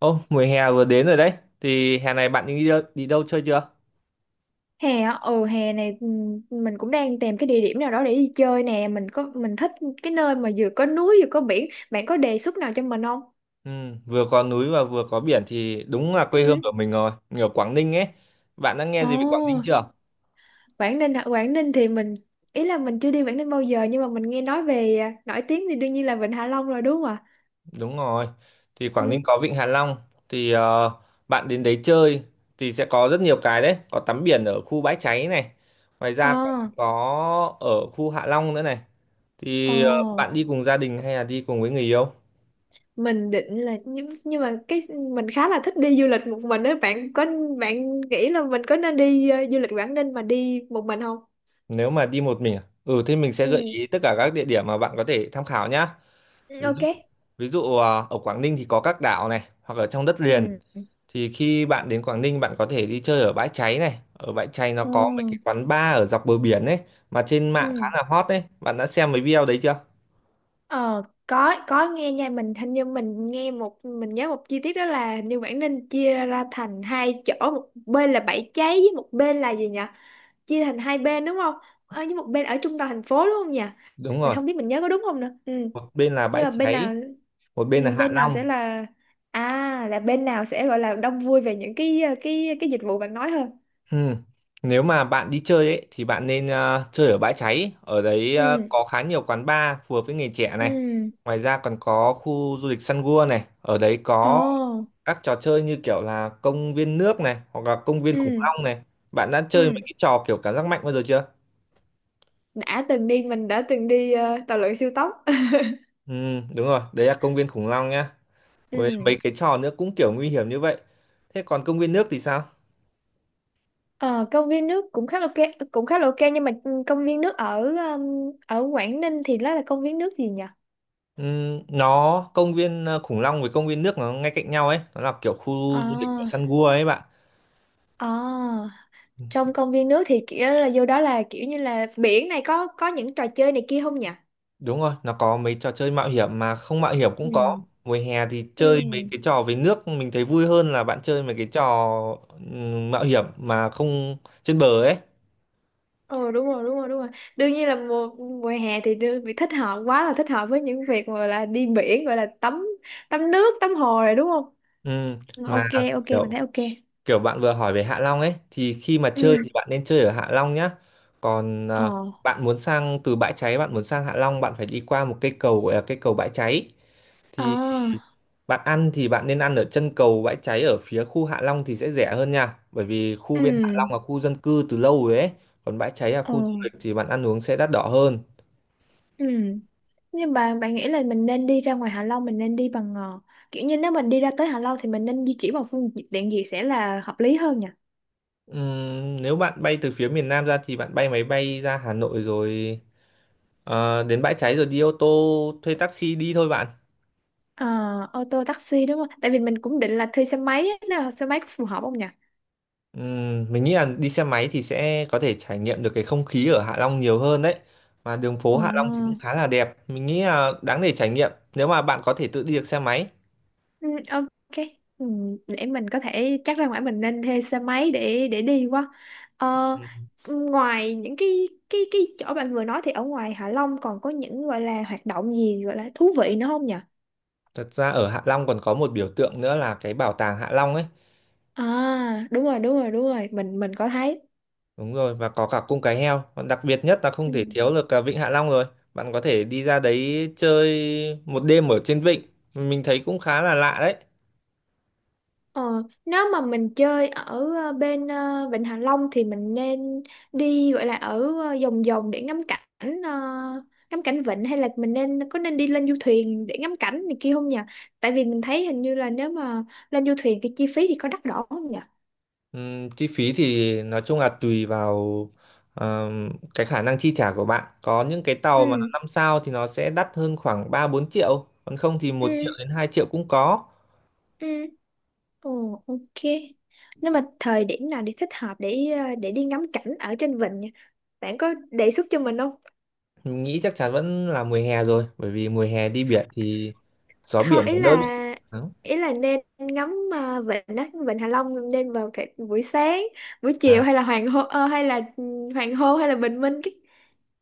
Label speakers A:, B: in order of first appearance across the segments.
A: Ô, mùa hè vừa đến rồi đấy. Thì hè này bạn đi đâu chơi chưa?
B: Hè á, ừ, hè này, ừ, mình cũng đang tìm cái địa điểm nào đó để đi chơi nè. Mình thích cái nơi mà vừa có núi vừa có biển. Bạn có đề xuất nào cho mình không?
A: Ừ, vừa có núi và vừa có biển thì đúng là quê hương
B: Ừ.
A: của mình rồi. Mình ở Quảng Ninh ấy. Bạn đã nghe
B: Ồ,
A: gì về Quảng Ninh chưa?
B: Quảng Ninh hả? Quảng Ninh thì mình, ý là mình chưa đi Quảng Ninh bao giờ, nhưng mà mình nghe nói về, nổi tiếng thì đương nhiên là Vịnh Hạ Long rồi, đúng không ạ?
A: Đúng rồi. Thì
B: Ừ.
A: Quảng Ninh có Vịnh Hạ Long. Thì bạn đến đấy chơi thì sẽ có rất nhiều cái đấy. Có tắm biển ở khu Bãi Cháy này. Ngoài
B: Ờ.
A: ra còn có ở khu Hạ Long nữa này. Thì bạn
B: Ồ,
A: đi cùng gia đình hay là đi cùng với người yêu?
B: mình định là, nhưng mà cái mình khá là thích đi du lịch một mình á. Bạn nghĩ là mình có nên đi du lịch Quảng Ninh mà đi một mình không?
A: Nếu mà đi một mình à? Ừ, thế mình sẽ gợi
B: Ừ.
A: ý tất cả các địa điểm mà bạn có thể tham khảo nhá. ví
B: Ok.
A: dụ ví dụ, ở Quảng Ninh thì có các đảo này, hoặc ở trong đất liền.
B: Ừ.
A: Thì khi bạn đến Quảng Ninh, bạn có thể đi chơi ở Bãi Cháy này. Ở Bãi Cháy nó
B: Ừ.
A: có mấy cái quán bar ở dọc bờ biển ấy mà trên mạng khá
B: Ừ.
A: là hot đấy. Bạn đã xem mấy video đấy chưa?
B: Ờ, có nghe nha. Hình như mình nghe, một mình nhớ một chi tiết đó là hình như Quảng Ninh chia ra thành hai chỗ, một bên là Bãi Cháy với một bên là gì nhỉ? Chia thành hai bên đúng không? Với một bên ở trung tâm thành phố đúng không nhỉ?
A: Đúng
B: Mình
A: rồi,
B: không biết mình nhớ có đúng không nữa. Ừ.
A: một bên là
B: Nhưng
A: Bãi
B: mà bên
A: Cháy,
B: nào,
A: một bên là Hạ
B: bên nào sẽ
A: Long.
B: là, là bên nào sẽ gọi là đông vui về những cái dịch vụ bạn nói hơn?
A: Ừm. Nếu mà bạn đi chơi ấy thì bạn nên chơi ở Bãi Cháy. Ở đấy
B: Ừ.
A: có khá nhiều quán bar phù hợp với người trẻ này.
B: Ừ.
A: Ngoài ra còn có khu du lịch Sun World này. Ở đấy
B: Ồ.
A: có các trò chơi như kiểu là công viên nước này, hoặc là công viên khủng
B: Ừ.
A: long này. Bạn đã chơi mấy
B: Ừ.
A: cái trò kiểu cảm giác mạnh bao giờ chưa?
B: đã từng đi mình đã từng đi tàu lượn siêu tốc.
A: Ừ, đúng rồi, đấy là công viên khủng long nhá, với
B: Ừ.
A: mấy cái trò nữa cũng kiểu nguy hiểm như vậy. Thế còn công viên nước thì sao?
B: Ờ, công viên nước cũng khá là ok, nhưng mà công viên nước ở ở Quảng Ninh thì đó là công viên nước gì nhỉ?
A: Ừ, nó công viên khủng long với công viên nước nó ngay cạnh nhau ấy, nó là kiểu
B: Ờ
A: khu du lịch của săn gua ấy bạn.
B: ờ,
A: Ừ,
B: trong công viên nước thì kiểu là vô đó là kiểu như là biển này, có những trò chơi này kia không nhỉ?
A: đúng rồi, nó có mấy trò chơi mạo hiểm mà không mạo hiểm cũng có.
B: Ừ.
A: Mùa hè thì
B: Ừ.
A: chơi mấy cái trò về nước mình thấy vui hơn là bạn chơi mấy cái trò ừ, mạo hiểm mà không trên bờ ấy.
B: Ờ, đúng rồi, đúng rồi, đúng rồi. Đương nhiên là mùa mùa hè thì vì thích hợp, quá là thích hợp với những việc gọi là đi biển, gọi là tắm tắm nước, tắm hồ rồi, đúng không?
A: Ừ,
B: Ừ,
A: mà
B: ok, ok, mình thấy
A: kiểu
B: ok.
A: kiểu bạn vừa hỏi về Hạ Long ấy thì khi mà chơi thì
B: Ừ.
A: bạn nên chơi ở Hạ Long nhá. Còn
B: Ờ.
A: bạn muốn sang từ Bãi Cháy, bạn muốn sang Hạ Long, bạn phải đi qua một cây cầu gọi là cây cầu Bãi Cháy.
B: Ờ.
A: Thì bạn ăn thì bạn nên ăn ở chân cầu Bãi Cháy ở phía khu Hạ Long thì sẽ rẻ hơn nha. Bởi vì khu bên Hạ Long
B: Ừ.
A: là khu dân cư từ lâu rồi ấy. Còn Bãi Cháy là
B: Ờ.
A: khu du lịch thì bạn ăn uống sẽ đắt đỏ hơn.
B: Ừ. Nhưng bạn nghĩ là mình nên đi ra ngoài Hạ Long, mình nên đi bằng, kiểu như nếu mình đi ra tới Hạ Long thì mình nên di chuyển bằng phương tiện gì sẽ là hợp lý hơn nhỉ?
A: Nếu bạn bay từ phía miền Nam ra thì bạn bay máy bay ra Hà Nội rồi đến Bãi Cháy rồi đi ô tô thuê taxi đi thôi bạn.
B: Ờ, ô tô taxi đúng không? Tại vì mình cũng định là thuê xe máy á, nào, xe máy có phù hợp không nhỉ?
A: Mình nghĩ là đi xe máy thì sẽ có thể trải nghiệm được cái không khí ở Hạ Long nhiều hơn đấy. Mà đường phố
B: Ồ.
A: Hạ Long thì cũng khá là đẹp. Mình nghĩ là đáng để trải nghiệm nếu mà bạn có thể tự đi được xe máy.
B: Ừ, ok. Ừ, để mình có thể chắc, ra ngoài mình nên thuê xe máy để đi quá. Ờ,
A: Ừ.
B: ngoài những cái chỗ bạn vừa nói thì ở ngoài Hạ Long còn có những gọi là hoạt động gì gọi là thú vị nữa không nhỉ?
A: Thật ra ở Hạ Long còn có một biểu tượng nữa là cái bảo tàng Hạ Long ấy.
B: À, đúng rồi, đúng rồi, đúng rồi, mình có thấy.
A: Đúng rồi, và có cả cung cái heo. Còn đặc biệt nhất là không
B: Ừ.
A: thể thiếu được Vịnh Hạ Long rồi. Bạn có thể đi ra đấy chơi một đêm ở trên vịnh. Mình thấy cũng khá là lạ đấy.
B: Ờ, nếu mà mình chơi ở bên, Vịnh Hạ Long thì mình nên đi gọi là ở, vòng vòng để ờ, ngắm cảnh vịnh, hay là mình có nên đi lên du thuyền để ngắm cảnh này kia không nhỉ? Tại vì mình thấy hình như là nếu mà lên du thuyền cái chi phí thì có đắt đỏ không nhỉ?
A: Chi phí thì nói chung là tùy vào cái khả năng chi trả của bạn. Có những cái tàu mà nó
B: Ừ,
A: 5 sao thì nó sẽ đắt hơn khoảng 3-4 triệu, còn không thì
B: ừ,
A: 1 triệu đến 2 triệu cũng có.
B: ừ. Ồ, ok. Nếu mà thời điểm nào để thích hợp để, đi ngắm cảnh ở trên vịnh nhỉ? Bạn có đề xuất cho mình không?
A: Mình nghĩ chắc chắn vẫn là mùa hè rồi, bởi vì mùa hè đi biển thì gió biển
B: Không,
A: nó
B: ý
A: đỡ bị
B: là
A: nắng.
B: ý là nên ngắm, vịnh á, vịnh Hạ Long nên vào cái buổi sáng, buổi chiều hay là hoàng hôn, hay là hoàng hôn hay là bình minh cái.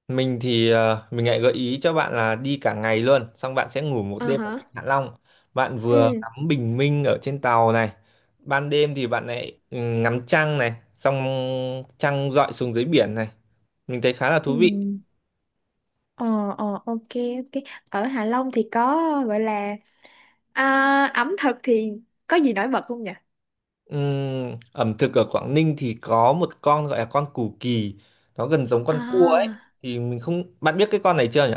A: Mình thì mình lại gợi ý cho bạn là đi cả ngày luôn, xong bạn sẽ ngủ một
B: Ờ
A: đêm ở
B: hả?
A: Vịnh Hạ Long. Bạn vừa
B: Ừ.
A: ngắm bình minh ở trên tàu này, ban đêm thì bạn lại ngắm trăng này, xong trăng rọi xuống dưới biển này. Mình thấy khá là
B: Ừ.
A: thú vị.
B: Ờ, ờ, ok, ok. Ở Hạ Long thì có gọi là, ẩm thực thì có gì nổi bật không nhỉ?
A: Ẩm thực ở Quảng Ninh thì có một con gọi là con củ kỳ, nó gần giống con cua ấy.
B: À,
A: Thì mình không, bạn biết cái con này chưa nhỉ?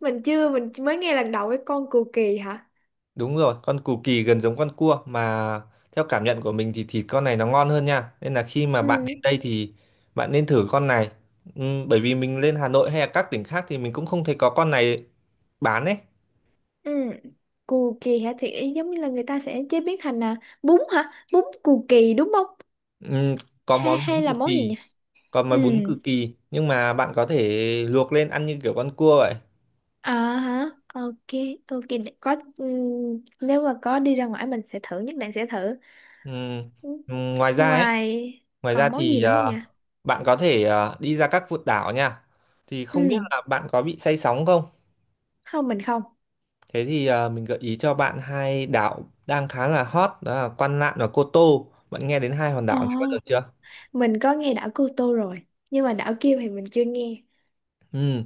B: mình chưa mình mới nghe lần đầu, cái con cù kỳ hả?
A: Đúng rồi, con cù kỳ gần giống con cua mà theo cảm nhận của mình thì thịt con này nó ngon hơn nha. Nên là khi mà
B: Ừ,
A: bạn đến đây thì bạn nên thử con này. Bởi vì mình lên Hà Nội hay là các tỉnh khác thì mình cũng không thấy có con này bán ấy.
B: ừ, cù kỳ hả? Thì ý giống như là người ta sẽ chế biến thành, bún hả? Bún cù kỳ đúng không?
A: Ừm, có
B: Hay
A: món
B: hay
A: bún
B: là
A: cù
B: món gì
A: kỳ,
B: nhỉ?
A: có
B: Ừ.
A: món bún cù kỳ nhưng mà bạn có thể luộc lên ăn như kiểu con cua vậy.
B: À. Hả? Ok, ok, có. Ừ, nếu mà có đi ra ngoài mình sẽ thử, nhất định sẽ thử.
A: Ừm,
B: Ừ.
A: ừm, ngoài ra ấy,
B: Ngoài
A: ngoài ra
B: còn món gì
A: thì
B: nữa không nhỉ?
A: ờ, bạn có thể đi ra các vụt đảo nha. Thì không biết
B: Ừ,
A: là bạn có bị say sóng không?
B: không, mình không.
A: Thế thì mình gợi ý cho bạn hai đảo đang khá là hot đó là Quan Lạn và Cô Tô. Bạn nghe đến hai hòn đảo này bao giờ
B: Ồ,
A: chưa?
B: mình có nghe đảo Cô Tô rồi, nhưng mà đảo kia thì mình chưa nghe.
A: Ừ.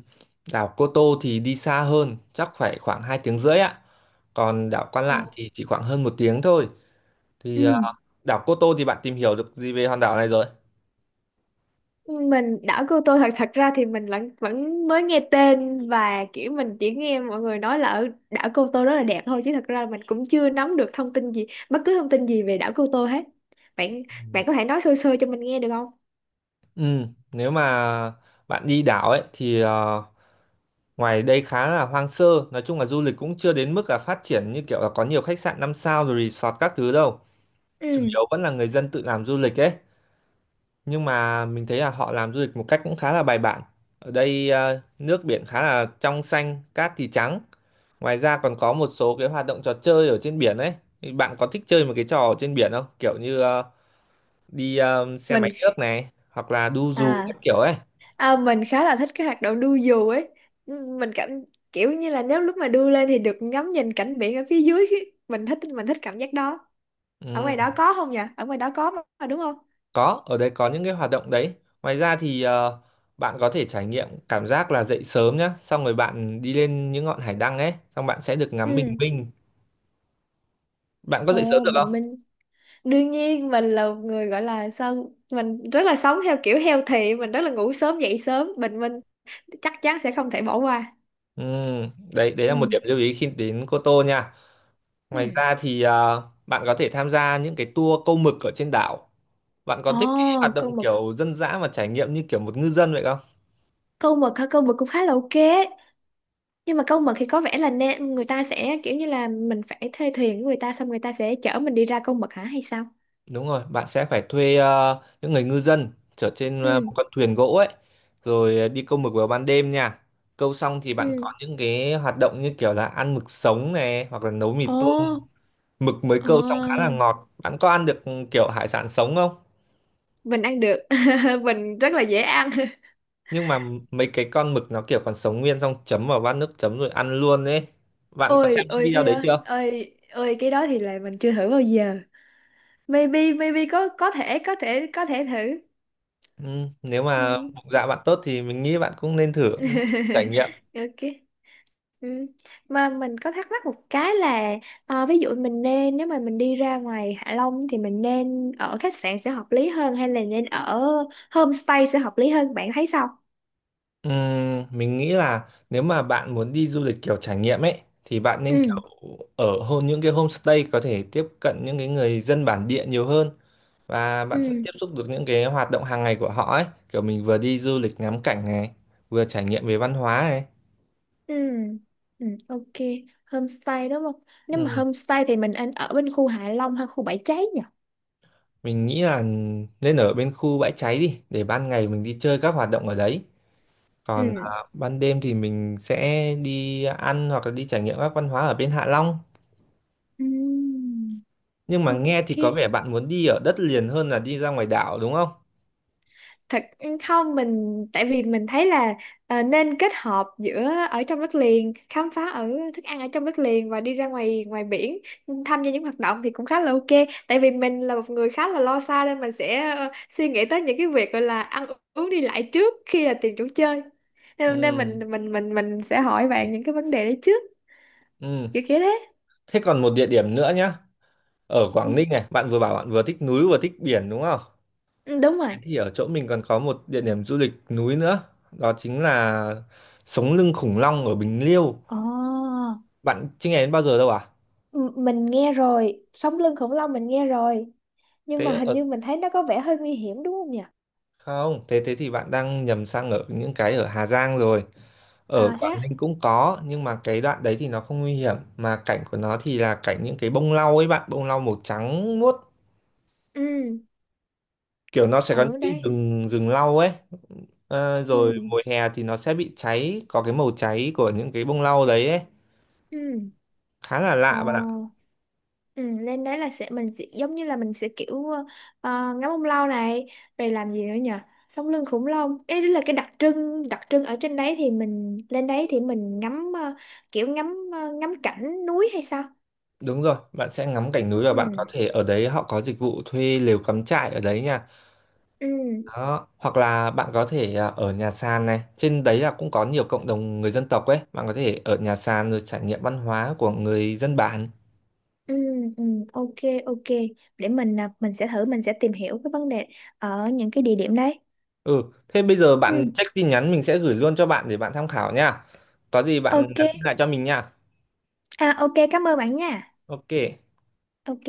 A: Đảo Cô Tô thì đi xa hơn, chắc phải khoảng 2 tiếng rưỡi ạ. Còn đảo Quan
B: Ồ.
A: Lạn thì chỉ khoảng hơn 1 tiếng thôi.
B: Ừ,
A: Thì đảo Cô Tô thì bạn tìm hiểu được gì về hòn đảo này rồi?
B: mình, đảo Cô Tô, thật thật ra thì mình vẫn vẫn mới nghe tên, và kiểu mình chỉ nghe mọi người nói là ở đảo Cô Tô rất là đẹp thôi, chứ thật ra mình cũng chưa nắm được thông tin gì, bất cứ thông tin gì về đảo Cô Tô hết. Bạn bạn có thể nói sơ sơ cho mình nghe được không?
A: Ừ. Nếu mà bạn đi đảo ấy thì ngoài đây khá là hoang sơ, nói chung là du lịch cũng chưa đến mức là phát triển như kiểu là có nhiều khách sạn 5 sao rồi resort các thứ đâu. Chủ
B: Ừ.
A: yếu vẫn là người dân tự làm du lịch ấy. Nhưng mà mình thấy là họ làm du lịch một cách cũng khá là bài bản. Ở đây nước biển khá là trong xanh, cát thì trắng. Ngoài ra còn có một số cái hoạt động trò chơi ở trên biển ấy. Thì bạn có thích chơi một cái trò ở trên biển không, kiểu như đi xe
B: mình
A: máy nước này hoặc là đu dù
B: à,
A: các kiểu ấy?
B: à Mình khá là thích cái hoạt động đu dù ấy. Ừ, mình cảm kiểu như là nếu lúc mà đu lên thì được ngắm nhìn cảnh biển ở phía dưới, mình thích cảm giác đó. Ở
A: ừ,
B: ngoài đó có không nhỉ? Ở ngoài đó có mà, đúng không?
A: có, ở đây có những cái hoạt động đấy. Ngoài ra thì bạn có thể trải nghiệm cảm giác là dậy sớm nhá, xong rồi bạn đi lên những ngọn hải đăng ấy, xong bạn sẽ được ngắm bình
B: Ừ.
A: minh. Bạn có dậy sớm
B: Ồ,
A: được
B: bình
A: không?
B: minh, đương nhiên mình là một người gọi là, sao, mình rất là sống theo kiểu healthy, mình rất là ngủ sớm dậy sớm, bình minh chắc chắn sẽ không thể bỏ qua.
A: Ừ, đấy đấy là một điểm
B: Ừ.
A: lưu ý khi đến Cô Tô nha.
B: Ừ.
A: Ngoài ra thì bạn có thể tham gia những cái tour câu mực ở trên đảo. Bạn có
B: Ồ,
A: thích cái hoạt
B: câu
A: động
B: mực,
A: kiểu dân dã và trải nghiệm như kiểu một ngư dân vậy không?
B: câu mực hả? Câu mực cũng khá là ok, nhưng mà câu mực thì có vẻ là, nên người ta sẽ kiểu như là mình phải thuê thuyền của người ta, xong người ta sẽ chở mình đi ra câu mực hả hay sao?
A: Đúng rồi, bạn sẽ phải thuê những người ngư dân chở trên một
B: Ừ.
A: con thuyền gỗ ấy, rồi đi câu mực vào ban đêm nha. Câu xong thì bạn có
B: Ừ.
A: những cái hoạt động như kiểu là ăn mực sống này hoặc là nấu mì
B: Ồ.
A: tôm. Mực mới
B: Ờ,
A: câu xong khá là ngọt. Bạn có ăn được kiểu hải sản sống không?
B: mình ăn được. Mình rất là dễ ăn.
A: Nhưng mà mấy cái con mực nó kiểu còn sống nguyên xong chấm vào bát nước chấm rồi ăn luôn ấy. Bạn có xem
B: Ôi
A: những
B: ôi,
A: video
B: cái
A: đấy
B: đó,
A: chưa?
B: ôi ôi, cái đó thì là mình chưa thử bao giờ. Maybe, maybe có thể thử.
A: Ừ, nếu mà
B: Ừ.
A: bụng dạ bạn tốt thì mình nghĩ bạn cũng nên thử cũng là một trải nghiệm.
B: Ok. Ừ. Mà mình có thắc mắc một cái là, ví dụ mình nên, nếu mà mình đi ra ngoài Hạ Long thì mình nên ở khách sạn sẽ hợp lý hơn hay là nên ở homestay sẽ hợp lý hơn, bạn thấy sao?
A: Ừ, mình nghĩ là nếu mà bạn muốn đi du lịch kiểu trải nghiệm ấy thì bạn nên kiểu
B: Ừ.
A: ở hôn những cái homestay có thể tiếp cận những cái người dân bản địa nhiều hơn và bạn sẽ
B: Ừ.
A: tiếp xúc được những cái hoạt động hàng ngày của họ ấy. Kiểu mình vừa đi du lịch ngắm cảnh này, vừa trải nghiệm về văn hóa này.
B: Ừ. Ừ. Ok. Homestay đúng không? Nếu mà
A: Ừ.
B: homestay thì mình nên ở bên khu Hạ Long hay khu Bãi Cháy nhỉ?
A: Mình nghĩ là nên ở bên khu Bãi Cháy đi để ban ngày mình đi chơi các hoạt động ở đấy.
B: Ừ.
A: Còn ban đêm thì mình sẽ đi ăn hoặc là đi trải nghiệm các văn hóa ở bên Hạ Long.
B: Ừ.
A: Nhưng mà nghe thì có
B: Ok.
A: vẻ bạn muốn đi ở đất liền hơn là đi ra ngoài đảo đúng không?
B: Thật, không, mình tại vì mình thấy là, nên kết hợp giữa ở trong đất liền, khám phá ở thức ăn ở trong đất liền và đi ra ngoài ngoài biển, tham gia những hoạt động thì cũng khá là ok. Tại vì mình là một người khá là lo xa nên mình sẽ, suy nghĩ tới những cái việc gọi là ăn uống đi lại trước khi là tìm chỗ chơi, nên
A: Ừ,
B: mình sẽ hỏi bạn những cái vấn đề đấy trước,
A: ừ.
B: kiểu kiểu thế.
A: Thế còn một địa điểm nữa nhá. Ở Quảng Ninh này, bạn vừa bảo bạn vừa thích núi vừa thích biển đúng không?
B: Ừ, đúng rồi.
A: Thế thì ở chỗ mình còn có một địa điểm du lịch núi nữa. Đó chính là Sống lưng khủng long ở Bình Liêu.
B: Ồ.
A: Bạn chưa nghe đến bao giờ đâu à?
B: Mình nghe rồi, sống lưng khủng long mình nghe rồi, nhưng
A: Thế
B: mà hình như
A: ở
B: mình thấy nó có vẻ hơi nguy hiểm đúng không nhỉ?
A: Không, thế thế thì bạn đang nhầm sang ở những cái ở Hà Giang rồi. Ở
B: À, thế á?
A: Quảng Ninh cũng có, nhưng mà cái đoạn đấy thì nó không nguy hiểm. Mà cảnh của nó thì là cảnh những cái bông lau ấy bạn, bông lau màu trắng muốt.
B: Ừ.
A: Kiểu nó sẽ có
B: Ở
A: những cái
B: đây.
A: rừng, rừng lau ấy. Ờ,
B: Ừ.
A: rồi mùa hè thì nó sẽ bị cháy, có cái màu cháy của những cái bông lau đấy ấy.
B: Ừ.
A: Khá là
B: Ồ.
A: lạ bạn ạ.
B: Ừ, lên đấy là sẽ, mình sẽ giống như là mình sẽ kiểu, ngắm ông lâu này, rồi làm gì nữa nhỉ? Sống lưng khủng long ấy là cái đặc trưng, đặc trưng ở trên đấy thì mình lên đấy thì mình ngắm ờ, kiểu ngắm ờ, ngắm cảnh núi hay sao?
A: Đúng rồi, bạn sẽ ngắm cảnh núi và bạn có
B: Ừ.
A: thể ở đấy họ có dịch vụ thuê lều cắm trại ở đấy nha.
B: Ừ.
A: Đó. Hoặc là bạn có thể ở nhà sàn này, trên đấy là cũng có nhiều cộng đồng người dân tộc ấy, bạn có thể ở nhà sàn rồi trải nghiệm văn hóa của người dân bản.
B: Ừ, ừ, ok, ok. Mình sẽ thử, mình sẽ tìm hiểu cái vấn đề ở những cái địa điểm đấy.
A: Ừ, thế bây giờ
B: Ừ,
A: bạn check tin nhắn mình sẽ gửi luôn cho bạn để bạn tham khảo nha. Có gì bạn
B: ok.
A: nhắn tin lại cho mình nha.
B: À, ok, cảm ơn bạn nha.
A: Ok.
B: Ok.